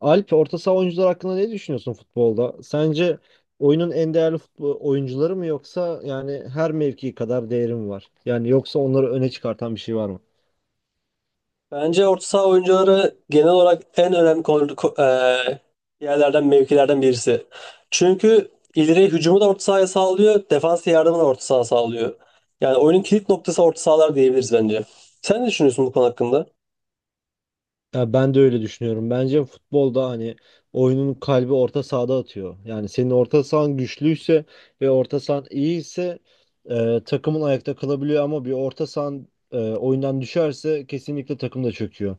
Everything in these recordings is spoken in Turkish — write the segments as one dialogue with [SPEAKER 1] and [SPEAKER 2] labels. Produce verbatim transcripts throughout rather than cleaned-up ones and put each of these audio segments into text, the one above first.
[SPEAKER 1] Alp, orta saha oyuncular hakkında ne düşünüyorsun futbolda? Sence oyunun en değerli futbol oyuncuları mı yoksa yani her mevki kadar değeri mi var? Yani yoksa onları öne çıkartan bir şey var mı?
[SPEAKER 2] Bence orta saha oyuncuları genel olarak en önemli kol- ko- eee, yerlerden, mevkilerden birisi. Çünkü ileri hücumu da orta sahaya sağlıyor, defansa yardımı da orta saha sağlıyor. Yani oyunun kilit noktası orta sahalar diyebiliriz bence. Sen ne düşünüyorsun bu konu hakkında?
[SPEAKER 1] Ya ben de öyle düşünüyorum. Bence futbolda hani oyunun kalbi orta sahada atıyor. Yani senin orta sahan güçlüyse ve orta sahan iyiyse e, takımın ayakta kalabiliyor ama bir orta sahan e, oyundan düşerse kesinlikle takım da çöküyor.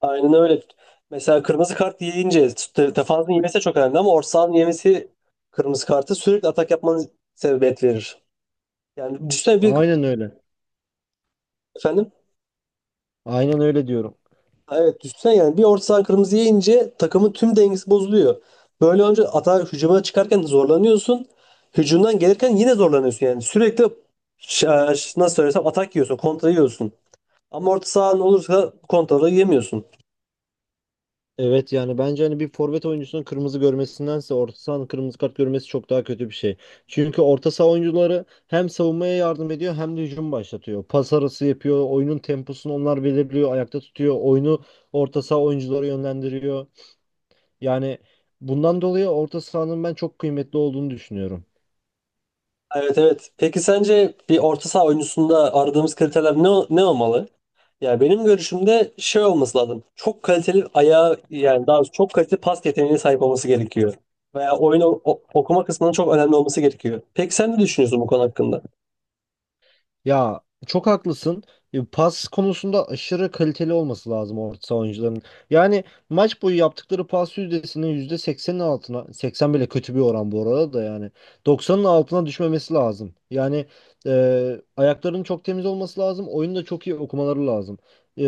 [SPEAKER 2] Aynen öyle. Mesela kırmızı kart yiyince te- defansın yemesi çok önemli, ama orta sahanın yemesi kırmızı kartı sürekli atak yapmanı sebebiyet verir. Yani düşünsene bir.
[SPEAKER 1] Aynen öyle.
[SPEAKER 2] Efendim?
[SPEAKER 1] Aynen öyle diyorum.
[SPEAKER 2] Ha, evet, düşünsene, yani bir orta sahan kırmızı yiyince takımın tüm dengesi bozuluyor. Böyle önce atağa hücuma çıkarken zorlanıyorsun. Hücumdan gelirken yine zorlanıyorsun yani. Sürekli ş- ş- nasıl söylesem, atak yiyorsun, kontra yiyorsun. Ama orta sahan olursa kontraları yemiyorsun.
[SPEAKER 1] Evet yani bence hani bir forvet oyuncusunun kırmızı görmesindense orta sahanın kırmızı kart görmesi çok daha kötü bir şey. Çünkü orta saha oyuncuları hem savunmaya yardım ediyor hem de hücum başlatıyor. Pas arası yapıyor, oyunun temposunu onlar belirliyor, ayakta tutuyor, oyunu orta saha oyuncuları yönlendiriyor. Yani bundan dolayı orta sahanın ben çok kıymetli olduğunu düşünüyorum.
[SPEAKER 2] Evet, evet. Peki sence bir orta saha oyuncusunda aradığımız kriterler ne, ne olmalı? Ya benim görüşümde şey olması lazım. Çok kaliteli ayağı, yani daha doğrusu çok kaliteli pas yeteneğine sahip olması gerekiyor. Veya oyunu o- okuma kısmının çok önemli olması gerekiyor. Peki sen ne düşünüyorsun bu konu hakkında?
[SPEAKER 1] Ya çok haklısın. E, Pas konusunda aşırı kaliteli olması lazım orta saha oyuncularının. Yani maç boyu yaptıkları pas yüzdesinin yüzde seksenin altına, seksen bile kötü bir oran bu arada da yani doksanın altına düşmemesi lazım. Yani e, ayaklarının çok temiz olması lazım. Oyunu da çok iyi okumaları lazım. E,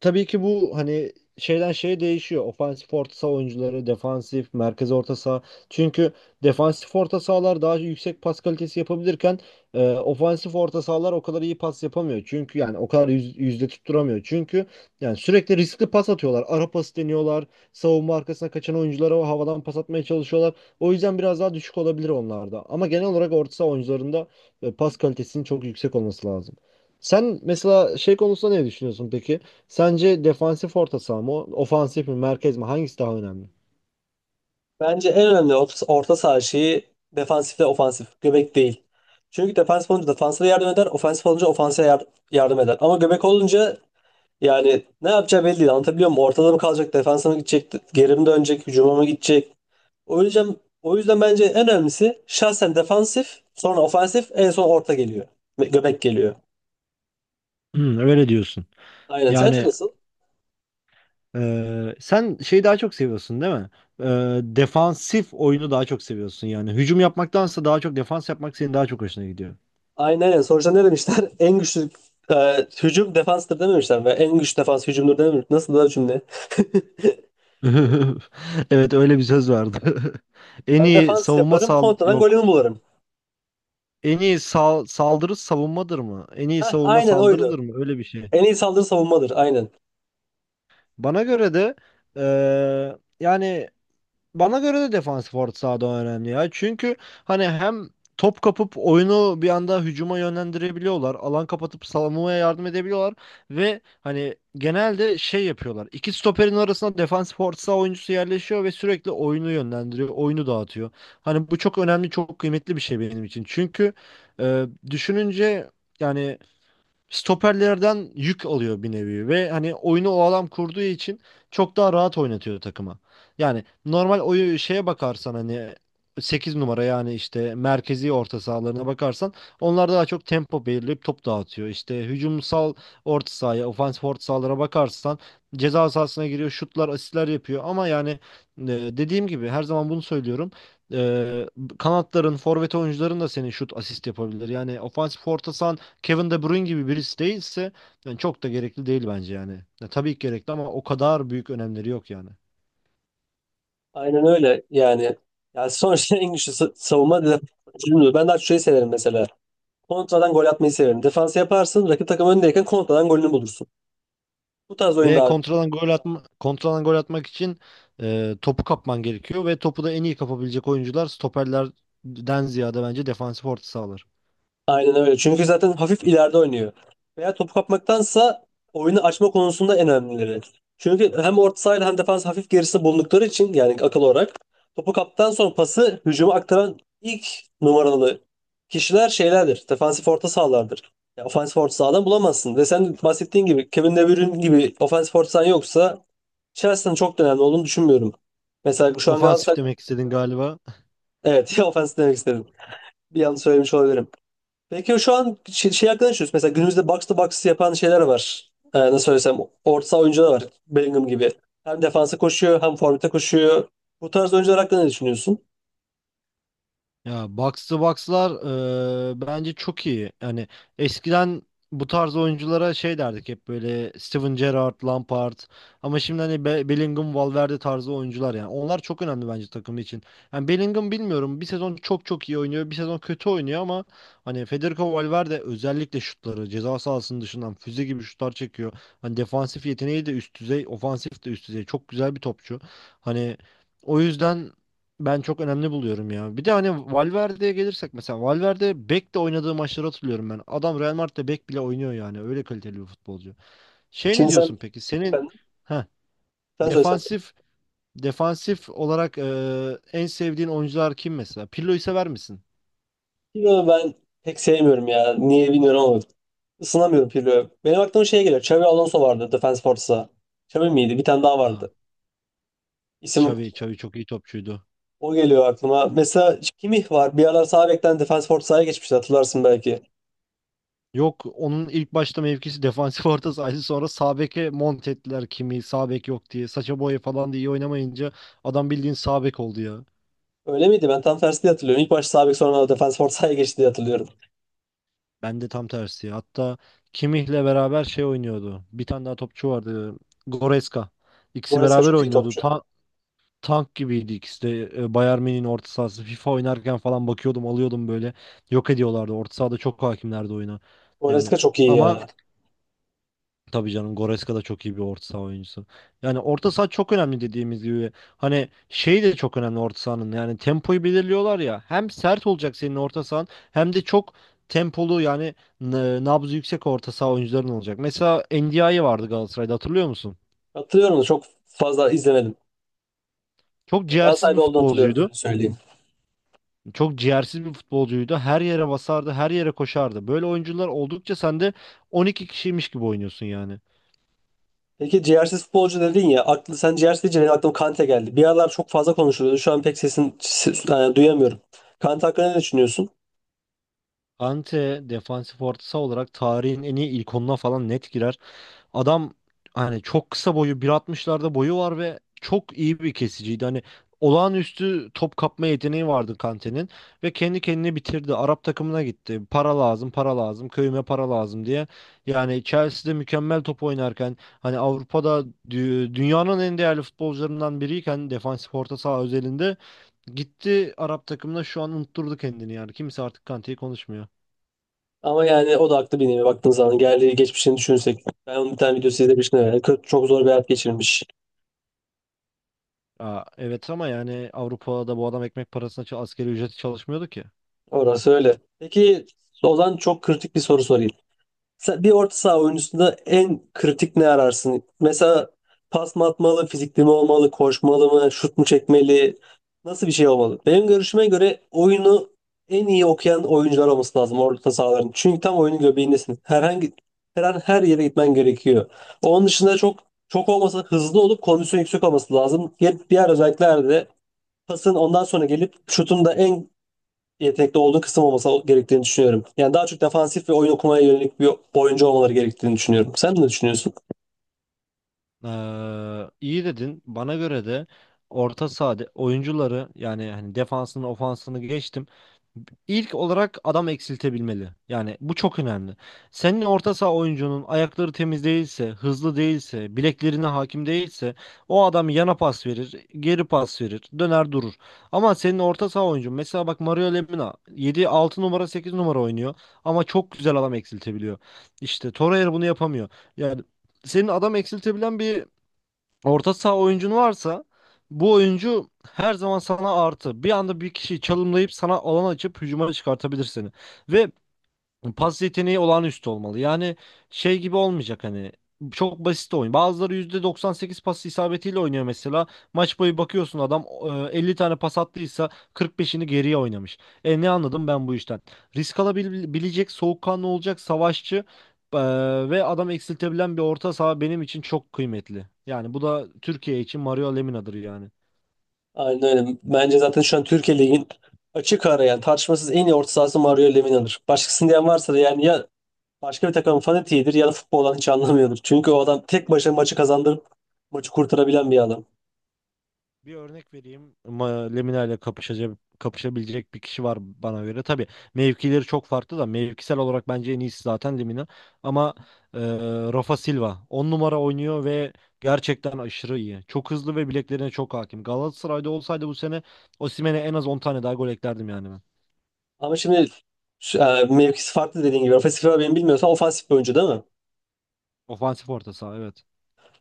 [SPEAKER 1] tabii ki bu hani şeyden şeye değişiyor. Ofansif orta saha oyuncuları, defansif, merkez orta saha. Çünkü defansif orta sahalar daha yüksek pas kalitesi yapabilirken e, ofansif orta sahalar o kadar iyi pas yapamıyor. Çünkü yani o kadar yüz- yüzde tutturamıyor. Çünkü yani sürekli riskli pas atıyorlar. Ara pas deniyorlar. Savunma arkasına kaçan oyunculara o havadan pas atmaya çalışıyorlar. O yüzden biraz daha düşük olabilir onlarda. Ama genel olarak orta saha oyuncularında e, pas kalitesinin çok yüksek olması lazım. Sen mesela şey konusunda ne düşünüyorsun peki? Sence defansif orta saha mı, ofansif mi, merkez mi? Hangisi daha önemli?
[SPEAKER 2] Bence en önemli orta, orta saha şeyi defansif ve ofansif. Göbek değil. Çünkü defansif olunca defansa yardım eder, ofansif olunca ofansa yar- yardım eder. Ama göbek olunca, yani ne yapacağı belli değil. Anlatabiliyor muyum? Ortada mı kalacak, defansa mı gidecek, geri mi dönecek, hücuma mı gidecek? O yüzden o yüzden bence en önemlisi şahsen defansif, sonra ofansif, en son orta geliyor. Ve göbek geliyor.
[SPEAKER 1] Hmm, öyle diyorsun.
[SPEAKER 2] Aynen. Sence
[SPEAKER 1] Yani
[SPEAKER 2] nasıl?
[SPEAKER 1] e, sen şeyi daha çok seviyorsun değil mi? E, defansif oyunu daha çok seviyorsun yani. Hücum yapmaktansa daha çok defans yapmak senin daha çok hoşuna gidiyor.
[SPEAKER 2] Aynen, aynen. Sonuçta ne demişler? En güçlü e, hücum defanstır dememişler. Ve en güçlü defans hücumdur dememiş. Nasıl da cümle?
[SPEAKER 1] Evet öyle bir söz vardı. En
[SPEAKER 2] Ben
[SPEAKER 1] iyi
[SPEAKER 2] defans
[SPEAKER 1] savunma
[SPEAKER 2] yaparım,
[SPEAKER 1] sal
[SPEAKER 2] kontradan
[SPEAKER 1] yok.
[SPEAKER 2] golümü bularım.
[SPEAKER 1] En iyi sal saldırı savunmadır mı? En iyi
[SPEAKER 2] Heh,
[SPEAKER 1] savunma
[SPEAKER 2] aynen oydu.
[SPEAKER 1] saldırıdır mı? Öyle bir şey.
[SPEAKER 2] En iyi saldırı savunmadır. Aynen.
[SPEAKER 1] Bana göre de e, yani bana göre de defansif orta sahada önemli ya. Çünkü hani hem top kapıp oyunu bir anda hücuma yönlendirebiliyorlar. Alan kapatıp savunmaya yardım edebiliyorlar. Ve hani genelde şey yapıyorlar. İki stoperin arasına defansif orta saha oyuncusu yerleşiyor ve sürekli oyunu yönlendiriyor. Oyunu dağıtıyor. Hani bu çok önemli, çok kıymetli bir şey benim için. Çünkü e, düşününce yani stoperlerden yük alıyor bir nevi ve hani oyunu o adam kurduğu için çok daha rahat oynatıyor takıma. Yani normal oyu şeye bakarsan hani sekiz numara yani işte merkezi orta sahalarına bakarsan onlar daha çok tempo belirleyip top dağıtıyor. İşte hücumsal orta sahaya, ofansif orta sahalara bakarsan ceza sahasına giriyor, şutlar, asistler yapıyor ama yani e, dediğim gibi her zaman bunu söylüyorum. E, kanatların, forvet oyuncuların da senin şut asist yapabilir. Yani ofansif orta saha Kevin De Bruyne gibi birisi değilse yani çok da gerekli değil bence yani. Ya, tabii ki gerekli ama o kadar büyük önemleri yok yani.
[SPEAKER 2] Aynen öyle yani. Yani sonuçta en güçlü sa- savunma defans. Ben daha çok şeyi severim mesela. Kontradan gol atmayı severim. Defans yaparsın, rakip takım öndeyken kontradan golünü bulursun. Bu tarz oyun
[SPEAKER 1] Ve
[SPEAKER 2] daha...
[SPEAKER 1] kontradan gol atma, kontradan gol atmak için e, topu kapman gerekiyor ve topu da en iyi kapabilecek oyuncular stoperlerden ziyade bence defansif orta sahalar.
[SPEAKER 2] Aynen öyle. Çünkü zaten hafif ileride oynuyor. Veya topu kapmaktansa oyunu açma konusunda en önemlileri. Çünkü hem orta sahayla hem defans hafif gerisi bulundukları için, yani akıl olarak topu kaptan sonra pası hücuma aktaran ilk numaralı kişiler şeylerdir. Defansif orta sahalardır. Ya ofansif orta sahadan bulamazsın. Ve sen bahsettiğin gibi, Kevin De Bruyne gibi ofansif orta sahan yoksa Chelsea'nin çok da önemli olduğunu düşünmüyorum. Mesela şu an Galatasaray
[SPEAKER 1] Ofansif demek istedin galiba.
[SPEAKER 2] evet. Ya ofans demek istedim. Bir yanlış söylemiş olabilirim. Peki şu an şey, şey hakkında düşünüyorsun. Mesela günümüzde box to box yapan şeyler var. Ee, nasıl söylesem, orta saha oyuncular var. Bellingham gibi. Hem defansa koşuyor hem forvete koşuyor. Bu tarz oyuncular hakkında ne düşünüyorsun?
[SPEAKER 1] Ya box to box'lar eee, bence çok iyi. Yani eskiden bu tarz oyunculara şey derdik hep böyle Steven Gerrard, Lampard ama şimdi hani Be- Bellingham, Valverde tarzı oyuncular yani. Onlar çok önemli bence takım için. Yani Bellingham bilmiyorum bir sezon çok çok iyi oynuyor, bir sezon kötü oynuyor ama hani Federico Valverde özellikle şutları ceza sahasının dışından füze gibi şutlar çekiyor. Hani defansif yeteneği de üst düzey, ofansif de üst düzey. Çok güzel bir topçu. Hani o yüzden ben çok önemli buluyorum ya. Bir de hani Valverde'ye gelirsek mesela Valverde bek de oynadığı maçları hatırlıyorum ben. Adam Real Madrid'de bek bile oynuyor yani. Öyle kaliteli bir futbolcu. Şey ne
[SPEAKER 2] Şimdi sen...
[SPEAKER 1] diyorsun peki? Senin
[SPEAKER 2] Efendim?
[SPEAKER 1] ha,
[SPEAKER 2] Sen söyle, sen söyle.
[SPEAKER 1] defansif defansif olarak e, en sevdiğin oyuncular kim mesela? Pirlo'yu sever misin?
[SPEAKER 2] Pirlo'yu ben pek sevmiyorum ya. Niye bilmiyorum ama ısınamıyorum Pirlo'ya. Benim aklıma şey geliyor. Xabi Alonso vardı Defense Force'a. Xabi miydi? Bir tane daha
[SPEAKER 1] Ha.
[SPEAKER 2] vardı. İsim
[SPEAKER 1] Xavi, Xavi çok iyi topçuydu.
[SPEAKER 2] o geliyor aklıma. Mesela Kimmich var. Bir aralar sağ bekten Defense Force'a geçmişti, hatırlarsın belki.
[SPEAKER 1] Yok onun ilk başta mevkisi defansif orta sahaydı. Sonra sağ beke mont ettiler kimi sağ bek yok diye. Saça boya falan diye iyi oynamayınca adam bildiğin sağ bek oldu ya.
[SPEAKER 2] Öyle miydi? Ben tam tersi diye hatırlıyorum. İlk başta sağ bek, sonra defans ortaya geçti diye hatırlıyorum.
[SPEAKER 1] Ben de tam tersi. Hatta Kimmich'le beraber şey oynuyordu. Bir tane daha topçu vardı. Goretzka. İkisi
[SPEAKER 2] Goretzka
[SPEAKER 1] beraber
[SPEAKER 2] çok iyi
[SPEAKER 1] oynuyordu.
[SPEAKER 2] topçu.
[SPEAKER 1] Ta- tank gibiydi ikisi de. E, Bayern Münih'in orta sahası. FIFA oynarken falan bakıyordum, alıyordum böyle. Yok ediyorlardı. Orta sahada çok hakimlerdi oyuna. Yani
[SPEAKER 2] Goretzka çok iyi
[SPEAKER 1] ama
[SPEAKER 2] ya.
[SPEAKER 1] tabii canım Goretzka da çok iyi bir orta saha oyuncusu. Yani orta saha çok önemli dediğimiz gibi. Hani şey de çok önemli orta sahanın. Yani tempoyu belirliyorlar ya. Hem sert olacak senin orta sahan hem de çok tempolu yani n- nabzı yüksek orta saha oyuncuların olacak. Mesela Ndiaye vardı Galatasaray'da hatırlıyor musun?
[SPEAKER 2] Hatırlıyorum da çok fazla izlemedim.
[SPEAKER 1] Çok
[SPEAKER 2] Yani
[SPEAKER 1] ciğersiz bir
[SPEAKER 2] Galatasaray'da olduğunu hatırlıyorum,
[SPEAKER 1] futbolcuydu.
[SPEAKER 2] öyle söyleyeyim.
[SPEAKER 1] Çok ciğersiz bir futbolcuydu. Her yere basardı, her yere koşardı. Böyle oyuncular oldukça sen de on iki kişiymiş gibi oynuyorsun yani.
[SPEAKER 2] Peki ciğersiz futbolcu dedin ya. Aklı, sen ciğersiz deyince benim aklıma Kante geldi. Bir aralar çok fazla konuşuluyordu. Şu an pek sesini ses- yani duyamıyorum. Kante hakkında ne düşünüyorsun?
[SPEAKER 1] Ante defansif orta saha olarak tarihin en iyi ilk onuna falan net girer. Adam hani çok kısa boyu bir altmışlarda boyu var ve çok iyi bir kesiciydi. Hani olağanüstü top kapma yeteneği vardı Kante'nin ve kendi kendini bitirdi. Arap takımına gitti. Para lazım, para lazım, köyüme para lazım diye. Yani Chelsea'de mükemmel top oynarken hani Avrupa'da dü- dünyanın en değerli futbolcularından biriyken defansif orta saha özelinde gitti Arap takımına şu an unutturdu kendini yani. Kimse artık Kante'yi konuşmuyor.
[SPEAKER 2] Ama yani o da haklı bir nevi baktığın zaman. Geldiği geçmişini düşünsek. Ben onun bir tane videosu izlemiştim. Yani kö- çok zor bir hayat geçirmiş.
[SPEAKER 1] Aa, evet ama yani Avrupa'da bu adam ekmek parasına ça- asgari ücreti çalışmıyordu ki.
[SPEAKER 2] Orası öyle. Peki Ozan, çok kritik bir soru sorayım. Sen- Bir orta saha oyuncusunda en kritik ne ararsın? Mesela pas mı atmalı, fizikli mi olmalı, koşmalı mı, şut mu çekmeli? Nasıl bir şey olmalı? Benim görüşüme göre oyunu en iyi okuyan oyuncular olması lazım orta sahaların. Çünkü tam oyunun göbeğindesin. Herhangi, her an her yere gitmen gerekiyor. Onun dışında çok çok olmasa hızlı olup kondisyon yüksek olması lazım. Diğer diğer özellikler de pasın ondan sonra gelip şutun da en yetenekli olduğu kısım olması gerektiğini düşünüyorum. Yani daha çok defansif ve oyun okumaya yönelik bir oyuncu olmaları gerektiğini düşünüyorum. Sen ne düşünüyorsun?
[SPEAKER 1] Ee, iyi dedin. Bana göre de orta sahada oyuncuları yani hani defansını ofansını geçtim. İlk olarak adam eksiltebilmeli. Yani bu çok önemli. Senin orta saha oyuncunun ayakları temiz değilse, hızlı değilse, bileklerine hakim değilse o adam yana pas verir, geri pas verir, döner durur. Ama senin orta saha oyuncun mesela bak Mario Lemina yedi altı numara sekiz numara oynuyor ama çok güzel adam eksiltebiliyor. İşte Torreira bunu yapamıyor. Yani senin adam eksiltebilen bir orta saha oyuncun varsa bu oyuncu her zaman sana artı. Bir anda bir kişiyi çalımlayıp sana alan açıp hücuma çıkartabilir seni. Ve pas yeteneği olağanüstü olmalı. Yani şey gibi olmayacak hani çok basit oyun. Bazıları yüzde doksan sekiz pas isabetiyle oynuyor mesela. Maç boyu bakıyorsun adam e, elli tane pas attıysa kırk beşini geriye oynamış. E ne anladım ben bu işten? Risk alabilecek, soğukkanlı olacak, savaşçı e, ve adam eksiltebilen bir orta saha benim için çok kıymetli. Yani bu da Türkiye için Mario Lemina'dır yani.
[SPEAKER 2] Aynen öyle. Bence zaten şu an Türkiye Ligi'nin açık ara, yani tartışmasız en iyi orta sahası Mario Lemina'dır. Başkasını diyen varsa da yani ya başka bir takımın fanatiğidir ya da futboldan hiç anlamıyordur. Çünkü o adam tek başına maçı kazandırıp maçı kurtarabilen bir adam.
[SPEAKER 1] Bir örnek vereyim. Ma- Lemina ile kapışacak, kapışabilecek bir kişi var bana göre. Tabii mevkileri çok farklı da mevkisel olarak bence en iyisi zaten Lemina. Ama e, Rafa Silva on numara oynuyor ve gerçekten aşırı iyi. Çok hızlı ve bileklerine çok hakim. Galatasaray'da olsaydı bu sene Osimhen'e en az on tane daha gol eklerdim yani ben.
[SPEAKER 2] Ama şimdi şu- e, mevkisi farklı dediğin gibi. Ofensif olarak, benim bilmiyorsam, ofansif bir oyuncu değil mi?
[SPEAKER 1] Ofansif orta saha evet.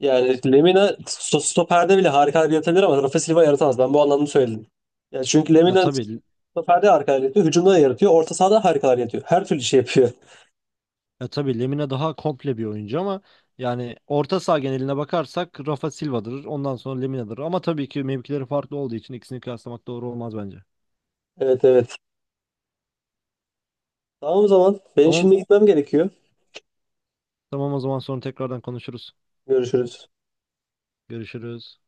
[SPEAKER 2] Yani Lemina sto- stoperde bile harikalar yaratabilir ama Rafa Silva yaratamaz. Ben bu anlamda söyledim. Yani çünkü
[SPEAKER 1] Ha,
[SPEAKER 2] Lemina
[SPEAKER 1] tabii.
[SPEAKER 2] stoperde harikalar yaratıyor, hücumda da yaratıyor, orta sahada harikalar yaratıyor. Her türlü şey yapıyor.
[SPEAKER 1] Ya tabii Lemina daha komple bir oyuncu ama yani orta saha geneline bakarsak Rafa Silva'dır. Ondan sonra Lemina'dır. Ama tabii ki mevkileri farklı olduğu için ikisini kıyaslamak doğru olmaz bence.
[SPEAKER 2] Evet, evet. Tamam o zaman. Benim
[SPEAKER 1] Tamam.
[SPEAKER 2] şimdi gitmem gerekiyor.
[SPEAKER 1] Tamam o zaman sonra tekrardan konuşuruz.
[SPEAKER 2] Görüşürüz.
[SPEAKER 1] Görüşürüz.